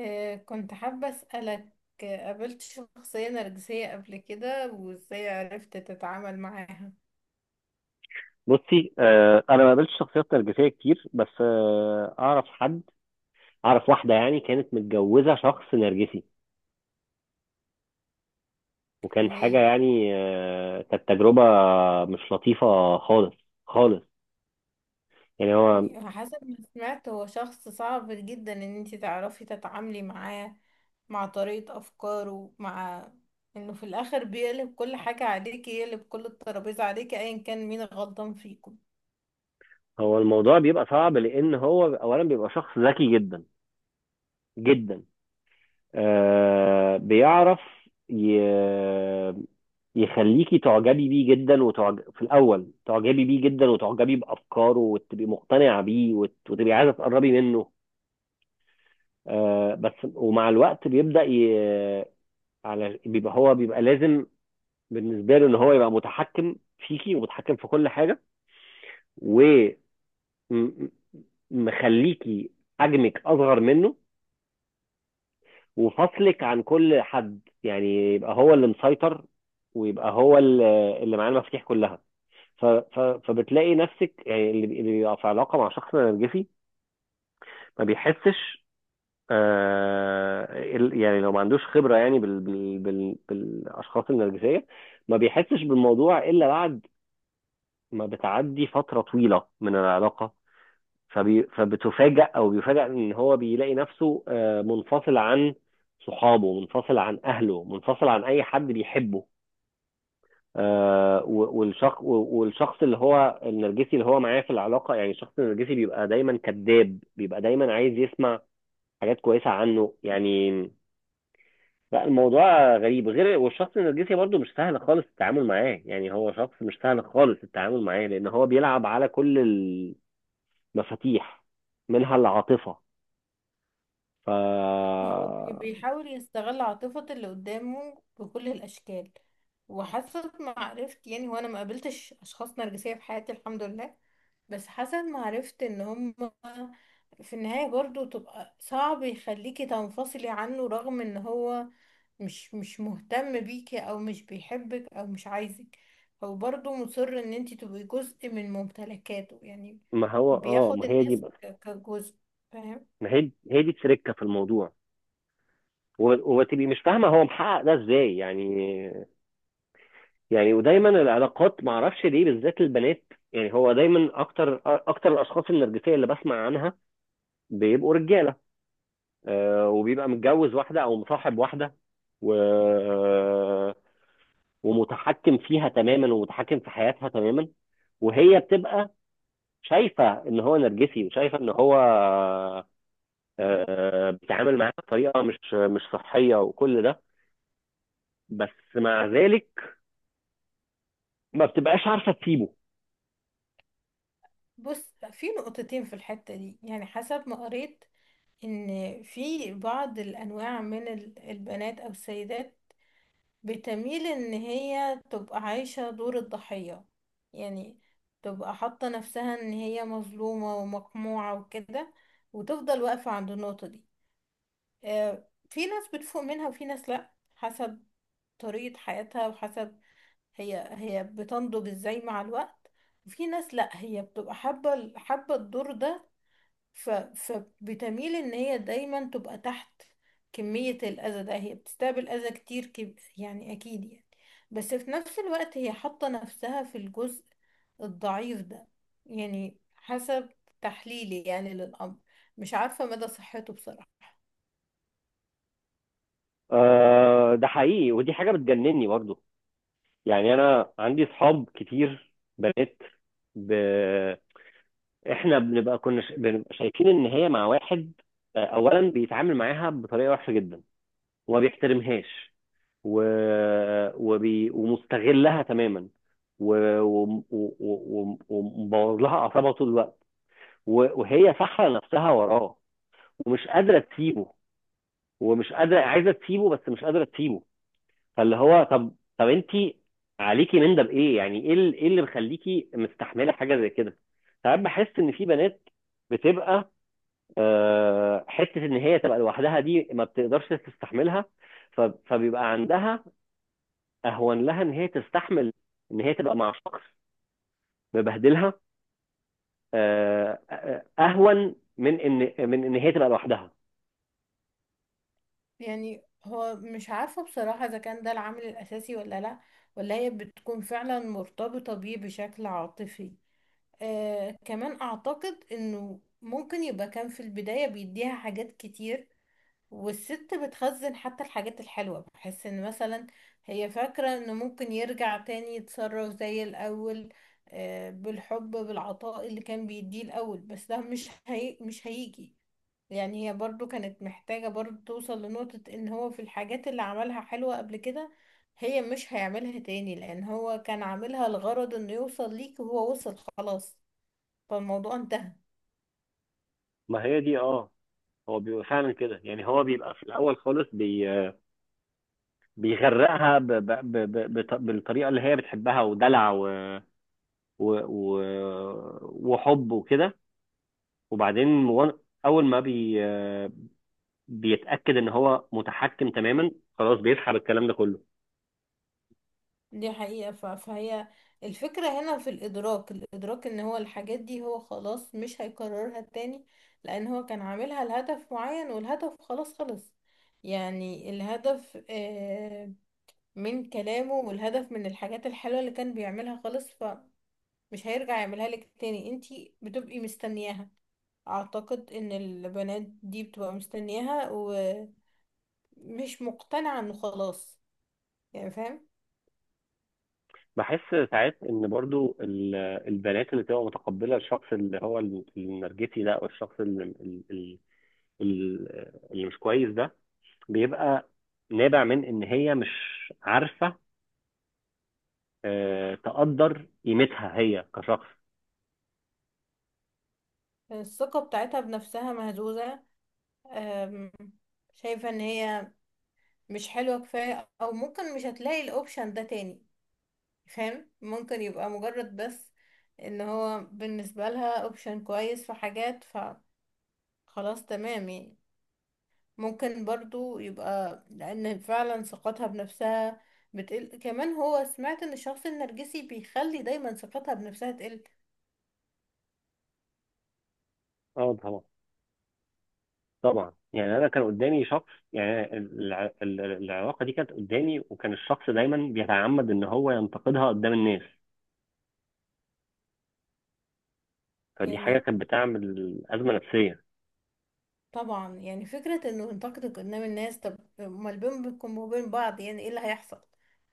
كنت حابة أسألك، قابلت شخصية نرجسية قبل كده وإزاي عرفت تتعامل معاها؟ بصي انا ما قابلتش شخصيات نرجسيه كتير، بس اعرف واحده، يعني كانت متجوزه شخص نرجسي، وكان حاجه، هي يعني كانت تجربه مش لطيفه خالص خالص. يعني هو يعني حسب ما سمعت هو شخص صعب جدا إن انتي تعرفي تتعاملي معاه، مع طريقة أفكاره، مع إنه في الآخر بيقلب كل حاجة عليكي، يقلب كل الترابيزة عليكي أيا كان مين غلطان فيكم. هو الموضوع بيبقى صعب، لان هو اولا بيبقى شخص ذكي جدا جدا. بيعرف ي... يخليكي تعجبي بيه جدا، في الاول تعجبي بيه جدا، وتعجبي بافكاره، وتبقي مقتنعه بيه، وتبقي عايزه تقربي منه. بس ومع الوقت بيبدأ، ي... على بيبقى هو بيبقى لازم بالنسبة له ان هو يبقى متحكم فيكي، ومتحكم في كل حاجة، ومخليكي حجمك اصغر منه، وفصلك عن كل حد، يعني يبقى هو اللي مسيطر، ويبقى هو اللي معاه المفاتيح كلها. فبتلاقي نفسك، يعني اللي بيبقى في علاقة مع شخص نرجسي ما بيحسش، آه، يعني لو ما عندوش خبرة يعني بالأشخاص النرجسية، ما بيحسش بالموضوع إلا بعد ما بتعدي فترة طويلة من العلاقة، فبتفاجأ أو بيفاجأ إن هو بيلاقي نفسه، منفصل عن صحابه، منفصل عن أهله، منفصل عن أي حد بيحبه. والشخص اللي هو النرجسي، اللي هو معاه في العلاقة، يعني الشخص النرجسي بيبقى دايما كذاب، بيبقى دايما عايز يسمع حاجات كويسة عنه. يعني لا، الموضوع غريب غير، والشخص النرجسي برضو مش سهل خالص التعامل معاه، يعني هو شخص مش سهل خالص التعامل معاه، لان هو بيلعب على كل المفاتيح، منها العاطفة. ف هو بيحاول يستغل عاطفة اللي قدامه بكل الأشكال. وحسب ما عرفت يعني أنا ما قابلتش أشخاص نرجسية في حياتي، الحمد لله. بس حسب ما عرفت إن هم في النهاية برضو تبقى صعب يخليكي تنفصلي عنه، رغم إن هو مش مهتم بيكي أو مش بيحبك أو مش عايزك. هو برضو مصر إن انتي تبقي جزء من ممتلكاته يعني. ما هو اه بياخد ما هي دي الناس بقى كجزء، فاهم. ما هي دي تركة في الموضوع، وتبقي مش فاهمة هو محقق ده ازاي، يعني ودايما العلاقات ما اعرفش ليه، بالذات البنات، يعني هو دايما اكتر الاشخاص النرجسية اللي بسمع عنها بيبقوا رجالة، وبيبقى متجوز واحدة او مصاحب واحدة، و... ومتحكم فيها تماما، ومتحكم في حياتها تماما، وهي بتبقى شايفه ان هو نرجسي، وشايفه ان هو، بيتعامل معاها بطريقه مش صحيه، وكل ده، بس مع ذلك ما بتبقاش عارفه تسيبه. بص، في نقطتين في الحتة دي يعني، حسب ما قريت، ان في بعض الانواع من البنات او السيدات بتميل ان هي تبقى عايشة دور الضحية. يعني تبقى حاطة نفسها ان هي مظلومة ومقموعة وكده، وتفضل واقفة عند النقطة دي. في ناس بتفوق منها وفي ناس لا، حسب طريقة حياتها وحسب هي بتنضج ازاي مع الوقت. وفي ناس لا، هي بتبقى حابة حابة الدور ده، ف... فبتميل ان هي دايما تبقى تحت. كمية الاذى ده، هي بتستقبل اذى كتير، يعني اكيد يعني، بس في نفس الوقت هي حاطة نفسها في الجزء الضعيف ده. يعني حسب تحليلي يعني للامر، مش عارفة مدى صحته بصراحة. ده حقيقي، ودي حاجه بتجنني برضه، يعني انا عندي اصحاب كتير، بنات، ب... احنا بنبقى، شايفين ان هي مع واحد، اولا بيتعامل معاها بطريقه وحشه جدا، وما بيحترمهاش، و... ومستغلها تماما، ومبوظ، ومبوظ لها اعصابها طول الوقت، و... وهي سحله نفسها وراه، ومش قادره تسيبه، ومش قادره، عايزه تسيبه بس مش قادره تسيبه. فاللي هو، طب طب انت عليكي من ده بايه، يعني ايه، ايه اللي مخليكي مستحمله حاجه زي كده؟ ساعات بحس ان في بنات بتبقى، حته ان هي تبقى لوحدها دي ما بتقدرش تستحملها، ف- فبيبقى عندها اهون لها ان هي تستحمل، ان هي تبقى مع شخص مبهدلها، اهون من ان هي تبقى لوحدها. يعني هو مش عارفة بصراحة اذا كان ده العامل الاساسي ولا لا، ولا هي بتكون فعلا مرتبطة بيه بشكل عاطفي. آه، كمان اعتقد انه ممكن يبقى كان في البداية بيديها حاجات كتير، والست بتخزن حتى الحاجات الحلوة. بحس ان مثلا هي فاكرة انه ممكن يرجع تاني، يتصرف زي الاول، آه، بالحب، بالعطاء اللي كان بيديه الاول، بس ده مش هيجي. يعني هي برضو كانت محتاجة برضو توصل لنقطة ان هو في الحاجات اللي عملها حلوة قبل كده، هي مش هيعملها تاني، لان هو كان عاملها لغرض انه يوصل ليك وهو وصل خلاص، فالموضوع انتهى. ما هي دي، هو بيبقى فعلا كده، يعني هو بيبقى في الاول خالص، بيغرقها بالطريقه اللي هي بتحبها، ودلع و... و... وحب، وكده، وبعدين، اول ما بيتاكد ان هو متحكم تماما، خلاص بيسحب الكلام ده كله. دي حقيقة. ف- فهي الفكرة هنا في الإدراك، إن هو الحاجات دي هو خلاص مش هيكررها تاني، لأن هو كان عاملها لهدف معين والهدف خلاص خلص. يعني الهدف، من كلامه، والهدف من الحاجات الحلوة اللي كان بيعملها خلص، فمش هيرجع يعملها لك تاني. انتي بتبقي مستنياها. أعتقد إن البنات دي بتبقى مستنياها ومش مقتنعة إنه خلاص. يعني فاهم. بحس ساعات ان برضو البنات اللي بتبقى متقبله الشخص اللي هو النرجسي ده، او الشخص اللي, اللي مش كويس ده، بيبقى نابع من ان هي مش عارفه، تقدر قيمتها هي كشخص. الثقة بتاعتها بنفسها مهزوزة. أم، شايفة ان هي مش حلوة كفاية او ممكن مش هتلاقي الاوبشن ده تاني، فاهم. ممكن يبقى مجرد بس ان هو بالنسبة لها اوبشن كويس في حاجات، فخلاص تمام يعني. ممكن برضو يبقى لان فعلا ثقتها بنفسها بتقل، كمان هو سمعت ان الشخص النرجسي بيخلي دايما ثقتها بنفسها تقل. اه، طبعا، طبعا، يعني انا كان قدامي شخص، يعني العلاقه دي كانت قدامي، وكان الشخص دايما بيتعمد ان هو ينتقدها قدام الناس، فدي حاجه يعني كانت بتعمل ازمه نفسيه. طبعا، يعني فكرة انه ينتقدك قدام الناس، طب امال بينكم وبين بعض يعني ايه اللي هيحصل؟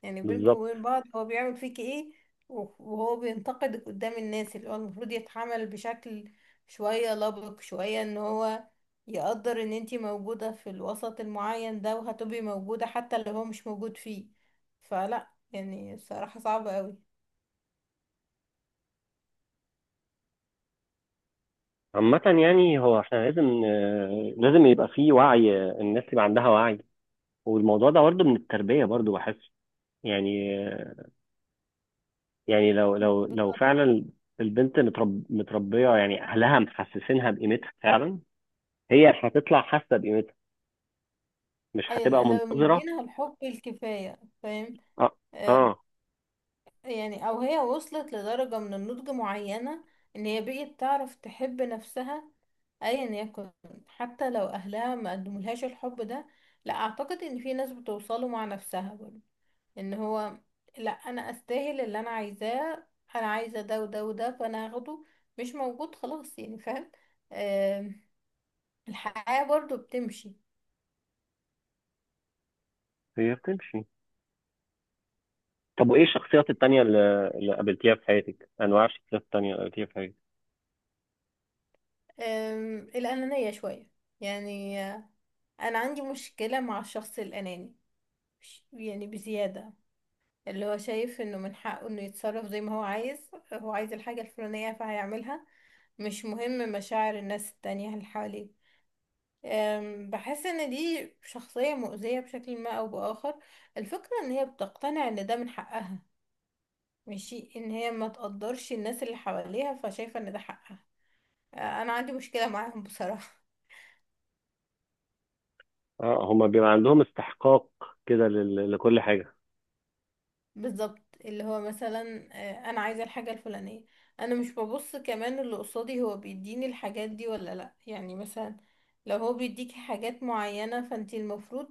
يعني بينكم بالظبط. وبين بعض هو بيعمل فيكي ايه؟ وهو بينتقدك قدام الناس، اللي هو المفروض يتعامل بشكل شوية لبق، شوية ان هو يقدر ان انتي موجودة في الوسط المعين ده، وهتبقي موجودة حتى لو هو مش موجود فيه. فلا، يعني الصراحة صعبة قوي. عامة يعني هو احنا لازم، لازم يبقى فيه وعي، الناس يبقى عندها وعي، والموضوع ده برضه من التربية برضه بحس، يعني، لو بالظبط. فعلا البنت، متربية، يعني أهلها محسسينها بقيمتها فعلا، هي هتطلع حاسة بقيمتها، مش هتبقى لو منتظرة. مدينا الحب الكفاية، فاهم. اه، آه، اه، يعني او هي وصلت لدرجة من النضج معينة، ان هي بقيت تعرف تحب نفسها، ايا يكن. حتى لو اهلها ما قدمولهاش الحب ده، لا، اعتقد ان في ناس بتوصله مع نفسها برضه، ان هو لا، انا استاهل اللي انا عايزاه. انا عايزه ده وده وده، فانا هاخده. مش موجود خلاص، يعني فاهم. آم، الحياه برضه بتمشي. هي بتمشي. طب وإيه الشخصيات التانية اللي قابلتيها في حياتك؟ أنواع الشخصيات التانية اللي قابلتيها في حياتك؟ الانانيه شويه يعني. انا عندي مشكله مع الشخص الاناني، يعني بزياده، اللي هو شايف انه من حقه انه يتصرف زي ما هو عايز، هو عايز الحاجة الفلانية فهيعملها، مش مهم مشاعر الناس التانية اللي حواليه. بحس ان دي شخصية مؤذية بشكل ما او باخر. الفكرة ان هي بتقتنع ان ده من حقها، ماشي ان هي ما تقدرش الناس اللي حواليها، فشايفة ان ده حقها. انا عندي مشكلة معاهم بصراحة. اه، هما بيبقى عندهم استحقاق كده، لكل حاجة. بالظبط. اللي هو مثلا انا عايزه الحاجه الفلانيه، انا مش ببص كمان اللي قصادي هو بيديني الحاجات دي ولا لا. يعني مثلا، لو هو بيديكي حاجات معينه، فانتي المفروض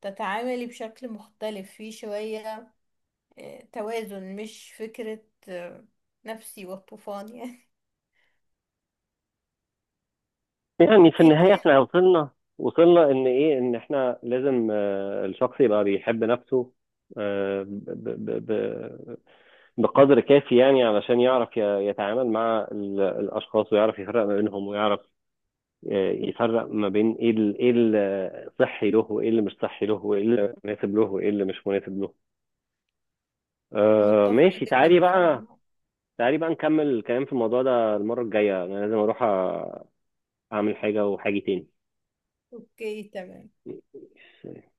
تتعاملي بشكل مختلف فيه شويه. توازن، مش فكره، آه، نفسي والطوفان يعني. يعني في انت النهاية إيه؟ احنا وصلنا، ان ايه؟ ان احنا لازم، الشخص يبقى بيحب نفسه، آه، ب- ب- ب- بقدر كافي، يعني علشان يعرف، يتعامل مع الاشخاص، ويعرف يفرق ما بينهم، ويعرف، يفرق ما بين ايه، الصحي له، وايه اللي مش صحي له، وايه اللي مناسب له، وايه اللي مش مناسب له. متفقه ماشي، جدا تعالي بصراحه. بقى، تعالي بقى نكمل الكلام في الموضوع ده المرة الجاية، انا لازم اروح، اعمل حاجة، وحاجة اوكي، تمام. تاني.